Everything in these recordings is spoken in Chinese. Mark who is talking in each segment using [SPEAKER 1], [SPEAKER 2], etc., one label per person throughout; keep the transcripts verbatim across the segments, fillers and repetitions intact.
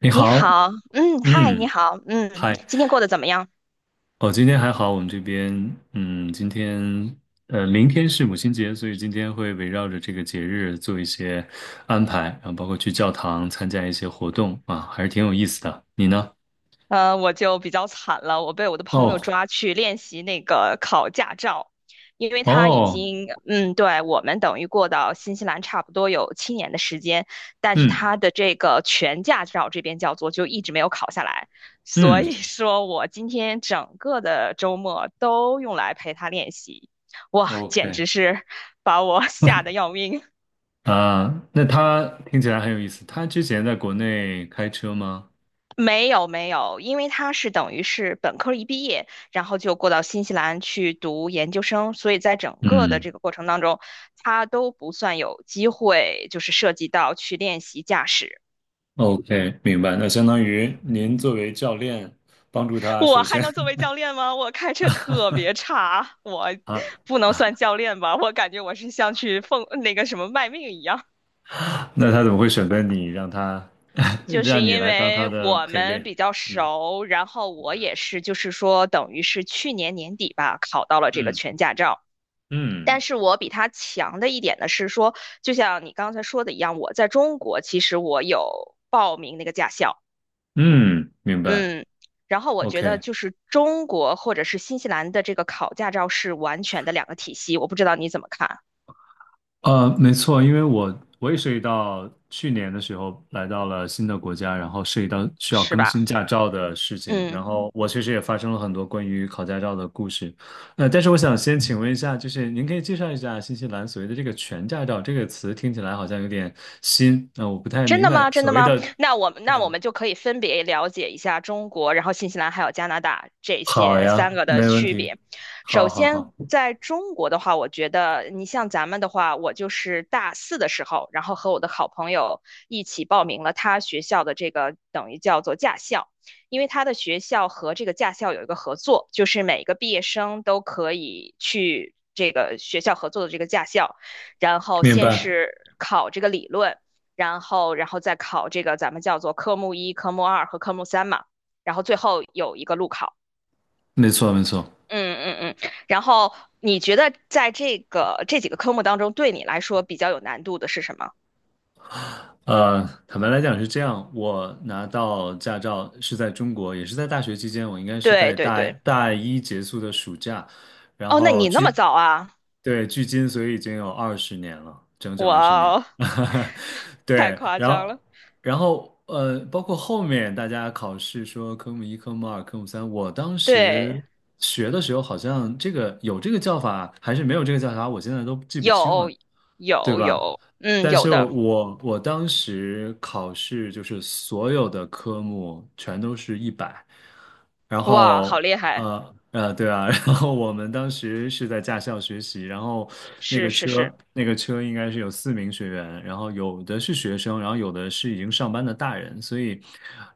[SPEAKER 1] 你
[SPEAKER 2] 你
[SPEAKER 1] 好，
[SPEAKER 2] 好，嗯，嗨，你
[SPEAKER 1] 嗯，
[SPEAKER 2] 好，嗯，
[SPEAKER 1] 嗨，
[SPEAKER 2] 今天过得怎么样？
[SPEAKER 1] 哦，今天还好，我们这边，嗯，今天，呃，明天是母亲节，所以今天会围绕着这个节日做一些安排，然后包括去教堂参加一些活动啊，还是挺有意思的。你呢？
[SPEAKER 2] 呃，我就比较惨了，我被我的朋友
[SPEAKER 1] 哦，
[SPEAKER 2] 抓去练习那个考驾照，因为他已
[SPEAKER 1] 哦，
[SPEAKER 2] 经，嗯，对，我们等于过到新西兰差不多有七年的时间，但是
[SPEAKER 1] 嗯
[SPEAKER 2] 他的这个全驾照这边叫做就一直没有考下来，所
[SPEAKER 1] 嗯
[SPEAKER 2] 以说我今天整个的周末都用来陪他练习，哇，简
[SPEAKER 1] ，OK，
[SPEAKER 2] 直是把我 吓得要 命。
[SPEAKER 1] 啊，那他听起来很有意思。他之前在国内开车吗？
[SPEAKER 2] 没有没有，因为他是等于是本科一毕业，然后就过到新西兰去读研究生，所以在整个的
[SPEAKER 1] 嗯
[SPEAKER 2] 这个过程当中，他都不算有机会，就是涉及到去练习驾驶。
[SPEAKER 1] ，OK，明白。那相当
[SPEAKER 2] 嗯
[SPEAKER 1] 于
[SPEAKER 2] 嗯，
[SPEAKER 1] 您作为教练，帮助他，
[SPEAKER 2] 我
[SPEAKER 1] 首
[SPEAKER 2] 还
[SPEAKER 1] 先
[SPEAKER 2] 能作 为教练吗？我开车特别差，我
[SPEAKER 1] 啊。
[SPEAKER 2] 不能算教练吧？我感觉我是像去奉那个什么卖命一样。
[SPEAKER 1] 那他怎么会选择你，让他
[SPEAKER 2] 就是
[SPEAKER 1] 让你
[SPEAKER 2] 因
[SPEAKER 1] 来当他
[SPEAKER 2] 为
[SPEAKER 1] 的
[SPEAKER 2] 我
[SPEAKER 1] 陪
[SPEAKER 2] 们
[SPEAKER 1] 练？
[SPEAKER 2] 比较
[SPEAKER 1] 嗯
[SPEAKER 2] 熟，然后我也是，就是说等于是去年年底吧，考到了这个
[SPEAKER 1] 嗯
[SPEAKER 2] 全驾照。
[SPEAKER 1] 嗯
[SPEAKER 2] 但是我比他强的一点呢是说，就像你刚才说的一样，我在中国其实我有报名那个驾校，
[SPEAKER 1] 嗯，明白。
[SPEAKER 2] 嗯，然后我觉得
[SPEAKER 1] OK，
[SPEAKER 2] 就是中国或者是新西兰的这个考驾照是完全的两个体系，我不知道你怎么看，
[SPEAKER 1] 呃，没错，因为我我也涉及到去年的时候来到了新的国家，然后涉及到需要
[SPEAKER 2] 是
[SPEAKER 1] 更新
[SPEAKER 2] 吧？
[SPEAKER 1] 驾照的事情，然
[SPEAKER 2] 嗯。
[SPEAKER 1] 后我确实也发生了很多关于考驾照的故事。呃，但是我想先请问一下，就是您可以介绍一下新西兰所谓的这个全驾照这个词，听起来好像有点新，那、我不太
[SPEAKER 2] 真
[SPEAKER 1] 明
[SPEAKER 2] 的
[SPEAKER 1] 白
[SPEAKER 2] 吗？真
[SPEAKER 1] 所
[SPEAKER 2] 的
[SPEAKER 1] 谓
[SPEAKER 2] 吗？
[SPEAKER 1] 的。
[SPEAKER 2] 那我们那我们就可以分别了解一下中国，然后新西兰还有加拿大这
[SPEAKER 1] 好
[SPEAKER 2] 些
[SPEAKER 1] 呀，
[SPEAKER 2] 三个的
[SPEAKER 1] 没问
[SPEAKER 2] 区
[SPEAKER 1] 题。
[SPEAKER 2] 别。
[SPEAKER 1] 好
[SPEAKER 2] 首
[SPEAKER 1] 好
[SPEAKER 2] 先，
[SPEAKER 1] 好，
[SPEAKER 2] 在中国的话，我觉得你像咱们的话，我就是大四的时候，然后和我的好朋友一起报名了他学校的这个等于叫做驾校，因为他的学校和这个驾校有一个合作，就是每个毕业生都可以去这个学校合作的这个驾校，然后
[SPEAKER 1] 明
[SPEAKER 2] 先
[SPEAKER 1] 白，
[SPEAKER 2] 是考这个理论。然后然后再考这个咱们叫做科目一、科目二和科目三嘛，然后最后有一个路考。
[SPEAKER 1] 没错没错。
[SPEAKER 2] 嗯嗯嗯，然后你觉得在这个这几个科目当中，对你来说比较有难度的是什么？
[SPEAKER 1] 呃，坦白来讲是这样，我拿到驾照是在中国，也是在大学期间，我应该是
[SPEAKER 2] 对
[SPEAKER 1] 在
[SPEAKER 2] 对
[SPEAKER 1] 大
[SPEAKER 2] 对，
[SPEAKER 1] 大一结束的暑假，然
[SPEAKER 2] 哦，那
[SPEAKER 1] 后
[SPEAKER 2] 你那么
[SPEAKER 1] 距，
[SPEAKER 2] 早啊？
[SPEAKER 1] 对，距今所以已经有二十年了，整整二十年。
[SPEAKER 2] 哇哦，太
[SPEAKER 1] 对，
[SPEAKER 2] 夸
[SPEAKER 1] 然
[SPEAKER 2] 张
[SPEAKER 1] 后，
[SPEAKER 2] 了。
[SPEAKER 1] 然后呃，包括后面大家考试说科目一、科目二、科目三，我当
[SPEAKER 2] 对，
[SPEAKER 1] 时学的时候好像这个有这个叫法，还是没有这个叫法，我现在都记不清了。
[SPEAKER 2] 有
[SPEAKER 1] 对
[SPEAKER 2] 有
[SPEAKER 1] 吧？
[SPEAKER 2] 有，嗯，
[SPEAKER 1] 但
[SPEAKER 2] 有
[SPEAKER 1] 是
[SPEAKER 2] 的，
[SPEAKER 1] 我我当时考试就是所有的科目全都是一百，然
[SPEAKER 2] 哇，好
[SPEAKER 1] 后
[SPEAKER 2] 厉害，
[SPEAKER 1] 呃呃对啊，然后我们当时是在驾校学习，然后那
[SPEAKER 2] 是
[SPEAKER 1] 个
[SPEAKER 2] 是
[SPEAKER 1] 车
[SPEAKER 2] 是，
[SPEAKER 1] 那个车应该是有四名学员，然后有的是学生，然后有的是已经上班的大人，所以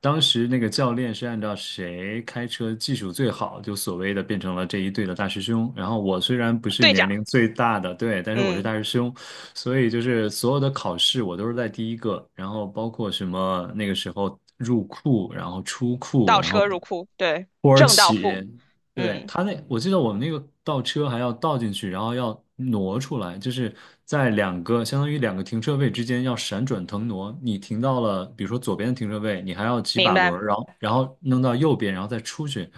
[SPEAKER 1] 当时那个教练是按照谁开车技术最好，就所谓的变成了这一队的大师兄。然后我虽然不是
[SPEAKER 2] 队
[SPEAKER 1] 年
[SPEAKER 2] 长，
[SPEAKER 1] 龄最大的，对，但是我是
[SPEAKER 2] 嗯，
[SPEAKER 1] 大师兄。所以就是所有的考试我都是在第一个，然后包括什么那个时候入库，然后出库，
[SPEAKER 2] 倒
[SPEAKER 1] 然
[SPEAKER 2] 车
[SPEAKER 1] 后
[SPEAKER 2] 入库，对，
[SPEAKER 1] 土耳
[SPEAKER 2] 正倒
[SPEAKER 1] 其，
[SPEAKER 2] 库，
[SPEAKER 1] 对，
[SPEAKER 2] 嗯，
[SPEAKER 1] 他那，我记得我们那个倒车还要倒进去，然后要挪出来，就是在两个相当于两个停车位之间要闪转腾挪。你停到了，比如说左边的停车位，你还要几
[SPEAKER 2] 明
[SPEAKER 1] 把轮儿，
[SPEAKER 2] 白。
[SPEAKER 1] 然后然后弄到右边，然后再出去。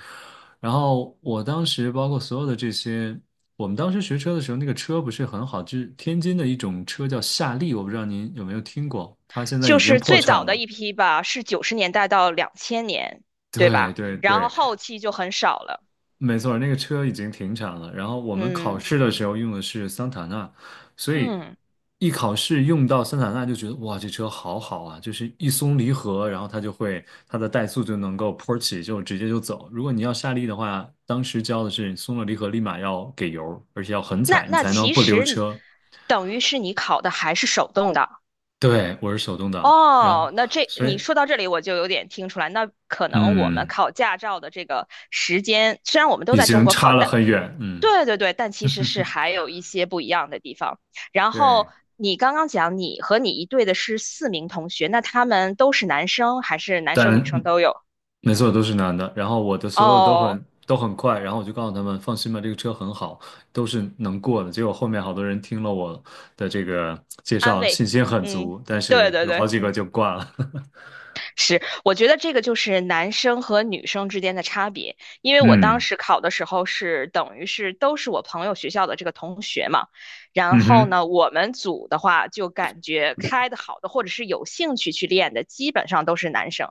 [SPEAKER 1] 然后我当时包括所有的这些，我们当时学车的时候，那个车不是很好，就是天津的一种车叫夏利，我不知道您有没有听过，它现在
[SPEAKER 2] 就
[SPEAKER 1] 已经
[SPEAKER 2] 是
[SPEAKER 1] 破
[SPEAKER 2] 最
[SPEAKER 1] 产
[SPEAKER 2] 早的
[SPEAKER 1] 了。
[SPEAKER 2] 一 批吧，是九十年代到两千年，对
[SPEAKER 1] 对
[SPEAKER 2] 吧？
[SPEAKER 1] 对
[SPEAKER 2] 然后
[SPEAKER 1] 对，
[SPEAKER 2] 后期就很少了。
[SPEAKER 1] 没错，那个车已经停产了。然后我们考
[SPEAKER 2] 嗯
[SPEAKER 1] 试的时候用的是桑塔纳，所以
[SPEAKER 2] 嗯，
[SPEAKER 1] 一考试用到桑塔纳就觉得哇，这车好好啊！就是一松离合，然后它就会它的怠速就能够坡起，就直接就走。如果你要下力的话，当时教的是松了离合立马要给油，而且要狠
[SPEAKER 2] 那
[SPEAKER 1] 踩，你
[SPEAKER 2] 那
[SPEAKER 1] 才能
[SPEAKER 2] 其
[SPEAKER 1] 不溜
[SPEAKER 2] 实你
[SPEAKER 1] 车。
[SPEAKER 2] 等于是你考的还是手动的。
[SPEAKER 1] 对，我是手动挡，然后
[SPEAKER 2] 哦，那这
[SPEAKER 1] 所以
[SPEAKER 2] 你说到这里，我就有点听出来，那可能我们
[SPEAKER 1] 嗯，
[SPEAKER 2] 考驾照的这个时间，虽然我们都
[SPEAKER 1] 已
[SPEAKER 2] 在中
[SPEAKER 1] 经
[SPEAKER 2] 国
[SPEAKER 1] 差
[SPEAKER 2] 考，
[SPEAKER 1] 了
[SPEAKER 2] 但
[SPEAKER 1] 很远，嗯，
[SPEAKER 2] 对对对，但其实是还有一些不一样的地方。然
[SPEAKER 1] 对，
[SPEAKER 2] 后你刚刚讲你和你一队的是四名同学，那他们都是男生还是男生女
[SPEAKER 1] 但。
[SPEAKER 2] 生都有？
[SPEAKER 1] 没错，都是男的。然后我的所有都
[SPEAKER 2] 哦，
[SPEAKER 1] 很都很快，然后我就告诉他们放心吧，这个车很好，都是能过的。结果后面好多人听了我的这个介
[SPEAKER 2] 安
[SPEAKER 1] 绍，信
[SPEAKER 2] 慰，
[SPEAKER 1] 心很
[SPEAKER 2] 嗯，
[SPEAKER 1] 足，但
[SPEAKER 2] 对
[SPEAKER 1] 是
[SPEAKER 2] 对
[SPEAKER 1] 有好
[SPEAKER 2] 对，
[SPEAKER 1] 几个
[SPEAKER 2] 嗯。
[SPEAKER 1] 就挂了。
[SPEAKER 2] 是，我觉得这个就是男生和女生之间的差别，因为我当
[SPEAKER 1] 嗯
[SPEAKER 2] 时考的时候是等于是都是我朋友学校的这个同学嘛，然
[SPEAKER 1] 嗯
[SPEAKER 2] 后
[SPEAKER 1] 哼
[SPEAKER 2] 呢，我们组的话就感觉开的好的或者是有兴趣去练的，基本上都是男生，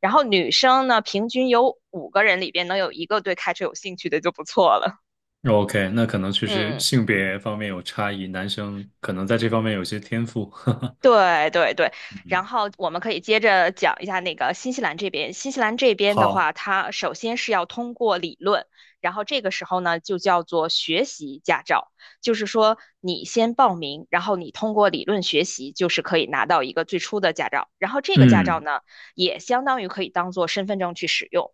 [SPEAKER 2] 然后女生呢，平均有五个人里边能有一个对开车有兴趣的就不错了，
[SPEAKER 1] ，OK，那可能确实
[SPEAKER 2] 嗯。
[SPEAKER 1] 性别方面有差异，男生可能在这方面有些天赋。
[SPEAKER 2] 对对对，然后我们可以接着讲一下那个新西兰这边。新西兰这边的
[SPEAKER 1] 好，
[SPEAKER 2] 话，它首先是要通过理论，然后这个时候呢就叫做学习驾照，就是说你先报名，然后你通过理论学习，就是可以拿到一个最初的驾照。然后这个驾照
[SPEAKER 1] 嗯
[SPEAKER 2] 呢，也相当于可以当做身份证去使用。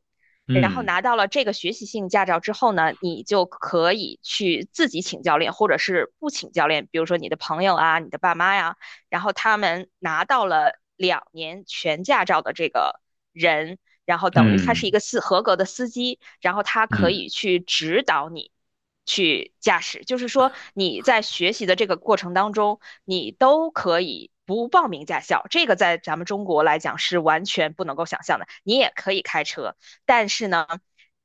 [SPEAKER 2] 然后
[SPEAKER 1] 嗯
[SPEAKER 2] 拿到了这个学习性驾照之后呢，你就可以去自己请教练，或者是不请教练，比如说你的朋友啊、你的爸妈呀。然后他们拿到了两年全驾照的这个人，然后等于他是一
[SPEAKER 1] 嗯
[SPEAKER 2] 个司合格的司机，然后他可
[SPEAKER 1] 嗯，
[SPEAKER 2] 以去指导你去驾驶，就是说你在学习的这个过程当中，你都可以。不报名驾校，这个在咱们中国来讲是完全不能够想象的。你也可以开车，但是呢，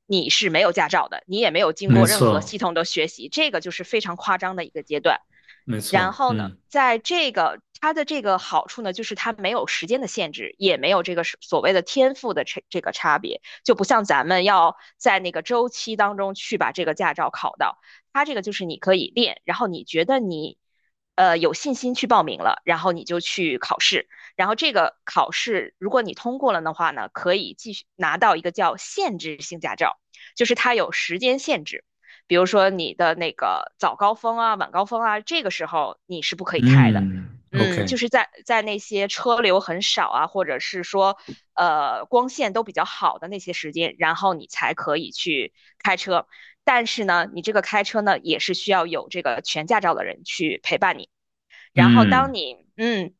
[SPEAKER 2] 你是没有驾照的，你也没有经
[SPEAKER 1] 没
[SPEAKER 2] 过任何
[SPEAKER 1] 错
[SPEAKER 2] 系统的学习，这个就是非常夸张的一个阶段。
[SPEAKER 1] 没
[SPEAKER 2] 然
[SPEAKER 1] 错，
[SPEAKER 2] 后呢，
[SPEAKER 1] 嗯
[SPEAKER 2] 在这个它的这个好处呢，就是它没有时间的限制，也没有这个是所谓的天赋的这这个差别，就不像咱们要在那个周期当中去把这个驾照考到。它这个就是你可以练，然后你觉得你呃有信心去报名了，然后你就去考试，然后这个考试如果你通过了的话呢，可以继续拿到一个叫限制性驾照，就是它有时间限制。比如说你的那个早高峰啊、晚高峰啊，这个时候你是不可以开的。
[SPEAKER 1] 嗯
[SPEAKER 2] 嗯，就
[SPEAKER 1] ，OK，
[SPEAKER 2] 是在在那些车流很少啊，或者是说呃光线都比较好的那些时间，然后你才可以去开车。但是呢，你这个开车呢，也是需要有这个全驾照的人去陪伴你。然后当
[SPEAKER 1] 嗯。
[SPEAKER 2] 你嗯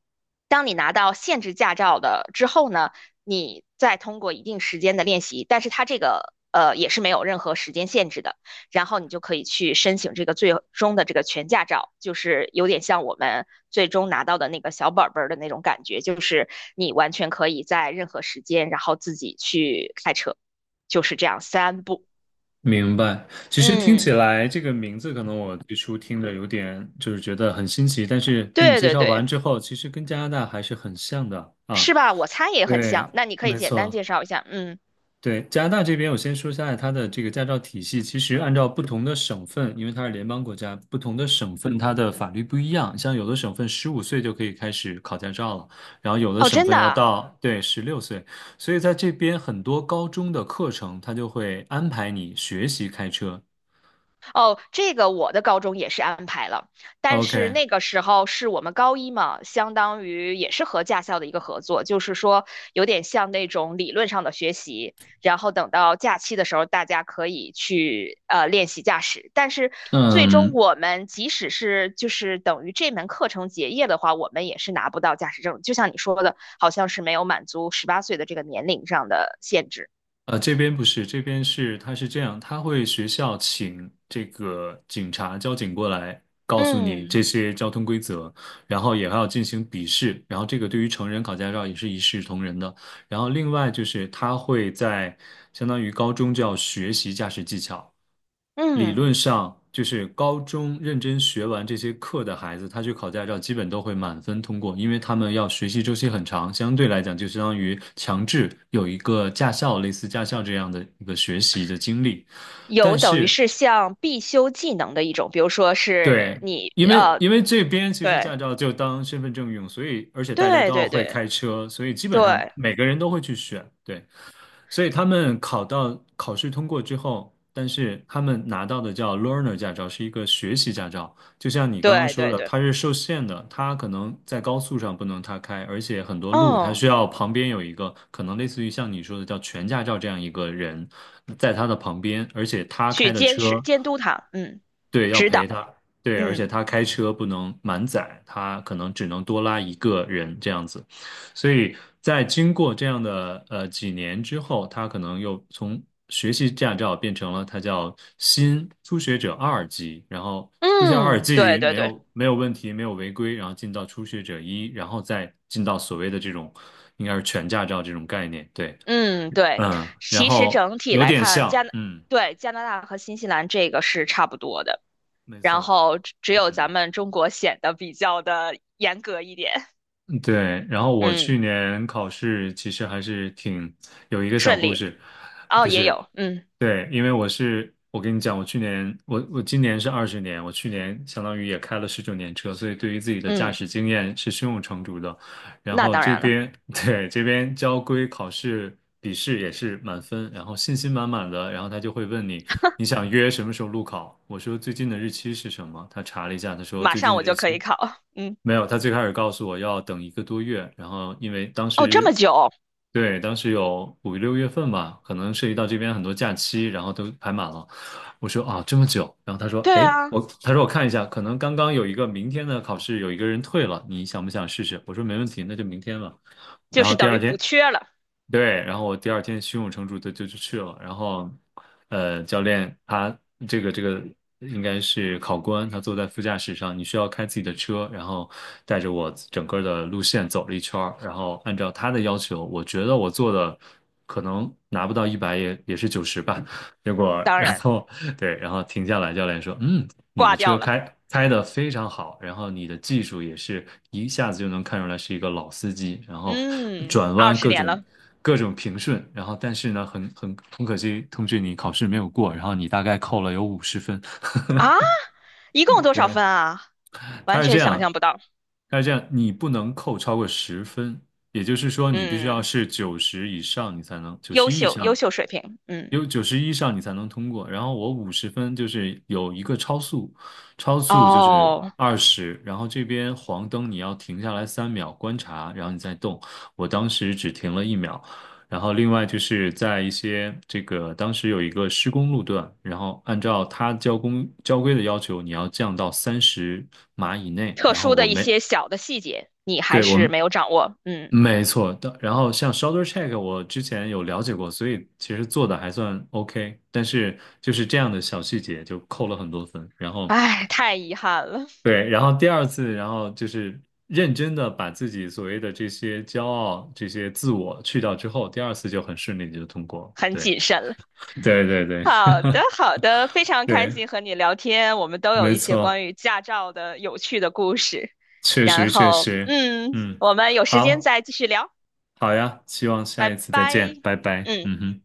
[SPEAKER 2] 当你拿到限制驾照的之后呢，你再通过一定时间的练习，但是它这个呃也是没有任何时间限制的，然后你就可以去申请这个最终的这个全驾照，就是有点像我们最终拿到的那个小本本的那种感觉，就是你完全可以在任何时间，然后自己去开车，就是这样三步。
[SPEAKER 1] 明白，其实听起
[SPEAKER 2] 嗯，
[SPEAKER 1] 来这个名字，可能我最初听着有点就是觉得很新奇，但是听你
[SPEAKER 2] 对
[SPEAKER 1] 介
[SPEAKER 2] 对
[SPEAKER 1] 绍
[SPEAKER 2] 对，
[SPEAKER 1] 完之后，其实跟加拿大还是很像的啊。
[SPEAKER 2] 是吧？我猜也很
[SPEAKER 1] 对，
[SPEAKER 2] 像。那你可以
[SPEAKER 1] 没
[SPEAKER 2] 简单介
[SPEAKER 1] 错，
[SPEAKER 2] 绍一下。嗯，
[SPEAKER 1] 对，加拿大这边我先说一下它的这个驾照体系，其实按照不同的省份，因为它是联邦国家，不同的省份它的法律不一样，像有的省份十五岁就可以开始考驾照了，然后有的
[SPEAKER 2] 哦，
[SPEAKER 1] 省
[SPEAKER 2] 真
[SPEAKER 1] 份
[SPEAKER 2] 的
[SPEAKER 1] 要
[SPEAKER 2] 啊
[SPEAKER 1] 到，对，十六岁。所以在这边很多高中的课程，他就会安排你学习开车，
[SPEAKER 2] 哦，这个我的高中也是安排了，但是
[SPEAKER 1] OK，
[SPEAKER 2] 那个时候是我们高一嘛，相当于也是和驾校的一个合作，就是说有点像那种理论上的学习，然后等到假期的时候，大家可以去呃练习驾驶。但是最终
[SPEAKER 1] 嗯，
[SPEAKER 2] 我们即使是就是等于这门课程结业的话，我们也是拿不到驾驶证，就像你说的，好像是没有满足十八岁的这个年龄上的限制。
[SPEAKER 1] 呃，这边不是，这边是，他是这样，他会学校请这个警察、交警过来，告诉你这
[SPEAKER 2] 嗯
[SPEAKER 1] 些交通规则，然后也还要进行笔试，然后这个对于成人考驾照也是一视同仁的。然后另外就是他会在相当于高中就要学习驾驶技巧，理
[SPEAKER 2] 嗯。
[SPEAKER 1] 论上就是高中认真学完这些课的孩子，他去考驾照基本都会满分通过，因为他们要学习周期很长，相对来讲就相当于强制有一个驾校，类似驾校这样的一个学习的经历。
[SPEAKER 2] 有
[SPEAKER 1] 但
[SPEAKER 2] 等于
[SPEAKER 1] 是，
[SPEAKER 2] 是像必修技能的一种，比如说是
[SPEAKER 1] 对，
[SPEAKER 2] 你
[SPEAKER 1] 因为
[SPEAKER 2] 呃，
[SPEAKER 1] 因为这边其实
[SPEAKER 2] 对
[SPEAKER 1] 驾照就当身份证用，所以而且大家都
[SPEAKER 2] 对
[SPEAKER 1] 要
[SPEAKER 2] 对
[SPEAKER 1] 会
[SPEAKER 2] 对
[SPEAKER 1] 开车，所以基本上
[SPEAKER 2] 对
[SPEAKER 1] 每个人都会去选。对。所以他们考到考试通过之后，但是他们拿到的叫 learner 驾照，是一个学习驾照。就像你刚刚
[SPEAKER 2] 对
[SPEAKER 1] 说
[SPEAKER 2] 对
[SPEAKER 1] 的，
[SPEAKER 2] 对，
[SPEAKER 1] 它是受限的，它可能在高速上不能他开，而且很多路他
[SPEAKER 2] 嗯，
[SPEAKER 1] 需要旁边有一个可能类似于像你说的叫全驾照这样一个人在他的旁边，而且他
[SPEAKER 2] 去
[SPEAKER 1] 开的
[SPEAKER 2] 监
[SPEAKER 1] 车。
[SPEAKER 2] 视监督他，嗯，
[SPEAKER 1] 对，要
[SPEAKER 2] 指
[SPEAKER 1] 陪
[SPEAKER 2] 导，
[SPEAKER 1] 他，对，而且
[SPEAKER 2] 嗯
[SPEAKER 1] 他开车不能满载，他可能只能多拉一个人这样子，所以在经过这样的呃几年之后，他可能又从学习驾照变成了他叫新初学者二级，然后初学二
[SPEAKER 2] 嗯，对
[SPEAKER 1] 级
[SPEAKER 2] 对
[SPEAKER 1] 没
[SPEAKER 2] 对，
[SPEAKER 1] 有没有问题，没有违规，然后进到初学者一，然后再进到所谓的这种应该是全驾照这种概念，对，
[SPEAKER 2] 嗯对，
[SPEAKER 1] 嗯，然
[SPEAKER 2] 其实
[SPEAKER 1] 后
[SPEAKER 2] 整体
[SPEAKER 1] 有
[SPEAKER 2] 来
[SPEAKER 1] 点
[SPEAKER 2] 看，
[SPEAKER 1] 像，
[SPEAKER 2] 加拿
[SPEAKER 1] 嗯，
[SPEAKER 2] 对加拿大和新西兰这个是差不多的，
[SPEAKER 1] 没
[SPEAKER 2] 然
[SPEAKER 1] 错，
[SPEAKER 2] 后只只有咱
[SPEAKER 1] 嗯。
[SPEAKER 2] 们中国显得比较的严格一点，
[SPEAKER 1] 对，然后我
[SPEAKER 2] 嗯，
[SPEAKER 1] 去年考试其实还是挺有一个小
[SPEAKER 2] 顺
[SPEAKER 1] 故
[SPEAKER 2] 利，
[SPEAKER 1] 事，
[SPEAKER 2] 哦，
[SPEAKER 1] 不
[SPEAKER 2] 也
[SPEAKER 1] 是，
[SPEAKER 2] 有，嗯
[SPEAKER 1] 对，因为我是我跟你讲，我去年我我今年是二十年，我去年相当于也开了十九年车，所以对于自己的驾
[SPEAKER 2] 嗯，
[SPEAKER 1] 驶经验是胸有成竹的。然
[SPEAKER 2] 那
[SPEAKER 1] 后
[SPEAKER 2] 当
[SPEAKER 1] 这
[SPEAKER 2] 然了。
[SPEAKER 1] 边 对，这边交规考试笔试也是满分，然后信心满满的，然后他就会问你，你想约什么时候路考？我说最近的日期是什么？他查了一下，他说
[SPEAKER 2] 马
[SPEAKER 1] 最近
[SPEAKER 2] 上
[SPEAKER 1] 的
[SPEAKER 2] 我
[SPEAKER 1] 日
[SPEAKER 2] 就可以
[SPEAKER 1] 期
[SPEAKER 2] 考。嗯，
[SPEAKER 1] 没有，他最开始告诉我要等一个多月，然后因为当
[SPEAKER 2] 哦，这么
[SPEAKER 1] 时，
[SPEAKER 2] 久？
[SPEAKER 1] 对，当时有五六月份吧，可能涉及到这边很多假期，然后都排满了。我说啊，这么久。然后他说，
[SPEAKER 2] 对
[SPEAKER 1] 哎，
[SPEAKER 2] 啊，
[SPEAKER 1] 我他说我看一下，可能刚刚有一个明天的考试有一个人退了，你想不想试试？我说没问题，那就明天吧。
[SPEAKER 2] 就
[SPEAKER 1] 然
[SPEAKER 2] 是
[SPEAKER 1] 后第
[SPEAKER 2] 等于
[SPEAKER 1] 二
[SPEAKER 2] 补
[SPEAKER 1] 天，
[SPEAKER 2] 缺了，
[SPEAKER 1] 对，然后我第二天胸有成竹的就就去了，然后，呃，教练他这个这个应该是考官，他坐在副驾驶上，你需要开自己的车，然后带着我整个的路线走了一圈儿，然后按照他的要求，我觉得我做的可能拿不到一百也也是九十吧，结果
[SPEAKER 2] 当
[SPEAKER 1] 然
[SPEAKER 2] 然
[SPEAKER 1] 后对，然后停下来，教练说，嗯，你的
[SPEAKER 2] 挂掉
[SPEAKER 1] 车
[SPEAKER 2] 了。
[SPEAKER 1] 开开的非常好，然后你的技术也是一下子就能看出来是一个老司机，然后
[SPEAKER 2] 嗯，
[SPEAKER 1] 转
[SPEAKER 2] 二
[SPEAKER 1] 弯
[SPEAKER 2] 十
[SPEAKER 1] 各
[SPEAKER 2] 年
[SPEAKER 1] 种
[SPEAKER 2] 了
[SPEAKER 1] 各种平顺，然后但是呢，很很很可惜，同学你考试没有过，然后你大概扣了有五十分，
[SPEAKER 2] 啊，一共多少
[SPEAKER 1] 对，
[SPEAKER 2] 分啊？
[SPEAKER 1] 它
[SPEAKER 2] 完
[SPEAKER 1] 是这
[SPEAKER 2] 全想
[SPEAKER 1] 样，
[SPEAKER 2] 象不到。
[SPEAKER 1] 它是这样，你不能扣超过十分，也就是说，你必须要
[SPEAKER 2] 嗯，
[SPEAKER 1] 是九十以上，你才能九
[SPEAKER 2] 优
[SPEAKER 1] 十以
[SPEAKER 2] 秀，优
[SPEAKER 1] 上，
[SPEAKER 2] 秀水平。嗯，
[SPEAKER 1] 有九十以上你才能通过。然后我五十分就是有一个超速，超速就是
[SPEAKER 2] 哦，
[SPEAKER 1] 二十，然后这边黄灯你要停下来三秒观察，然后你再动。我当时只停了一秒，然后另外就是在一些这个当时有一个施工路段，然后按照它交工交规的要求，你要降到三十码以内。
[SPEAKER 2] 特
[SPEAKER 1] 然后
[SPEAKER 2] 殊
[SPEAKER 1] 我
[SPEAKER 2] 的一
[SPEAKER 1] 没，
[SPEAKER 2] 些小的细节，你还
[SPEAKER 1] 对，
[SPEAKER 2] 是
[SPEAKER 1] 我
[SPEAKER 2] 没有掌握。嗯，
[SPEAKER 1] 没错的。然后像 shoulder check，我之前有了解过，所以其实做的还算 OK。但是就是这样的小细节就扣了很多分。然后
[SPEAKER 2] 唉，太遗憾了，
[SPEAKER 1] 对，然后第二次，然后就是认真的把自己所谓的这些骄傲、这些自我去掉之后，第二次就很顺利地就通过了。
[SPEAKER 2] 很
[SPEAKER 1] 对。
[SPEAKER 2] 谨慎了。
[SPEAKER 1] 对对对
[SPEAKER 2] 好的，好的，非常开
[SPEAKER 1] 对，
[SPEAKER 2] 心和你聊天，我们都有
[SPEAKER 1] 没
[SPEAKER 2] 一些
[SPEAKER 1] 错，
[SPEAKER 2] 关于驾照的有趣的故事。
[SPEAKER 1] 确
[SPEAKER 2] 然
[SPEAKER 1] 实确
[SPEAKER 2] 后，
[SPEAKER 1] 实，
[SPEAKER 2] 嗯，
[SPEAKER 1] 嗯，
[SPEAKER 2] 我们有时间
[SPEAKER 1] 好，
[SPEAKER 2] 再继续聊，
[SPEAKER 1] 好呀，希望下
[SPEAKER 2] 拜
[SPEAKER 1] 一次再见，
[SPEAKER 2] 拜。
[SPEAKER 1] 拜拜，
[SPEAKER 2] 嗯。
[SPEAKER 1] 嗯哼。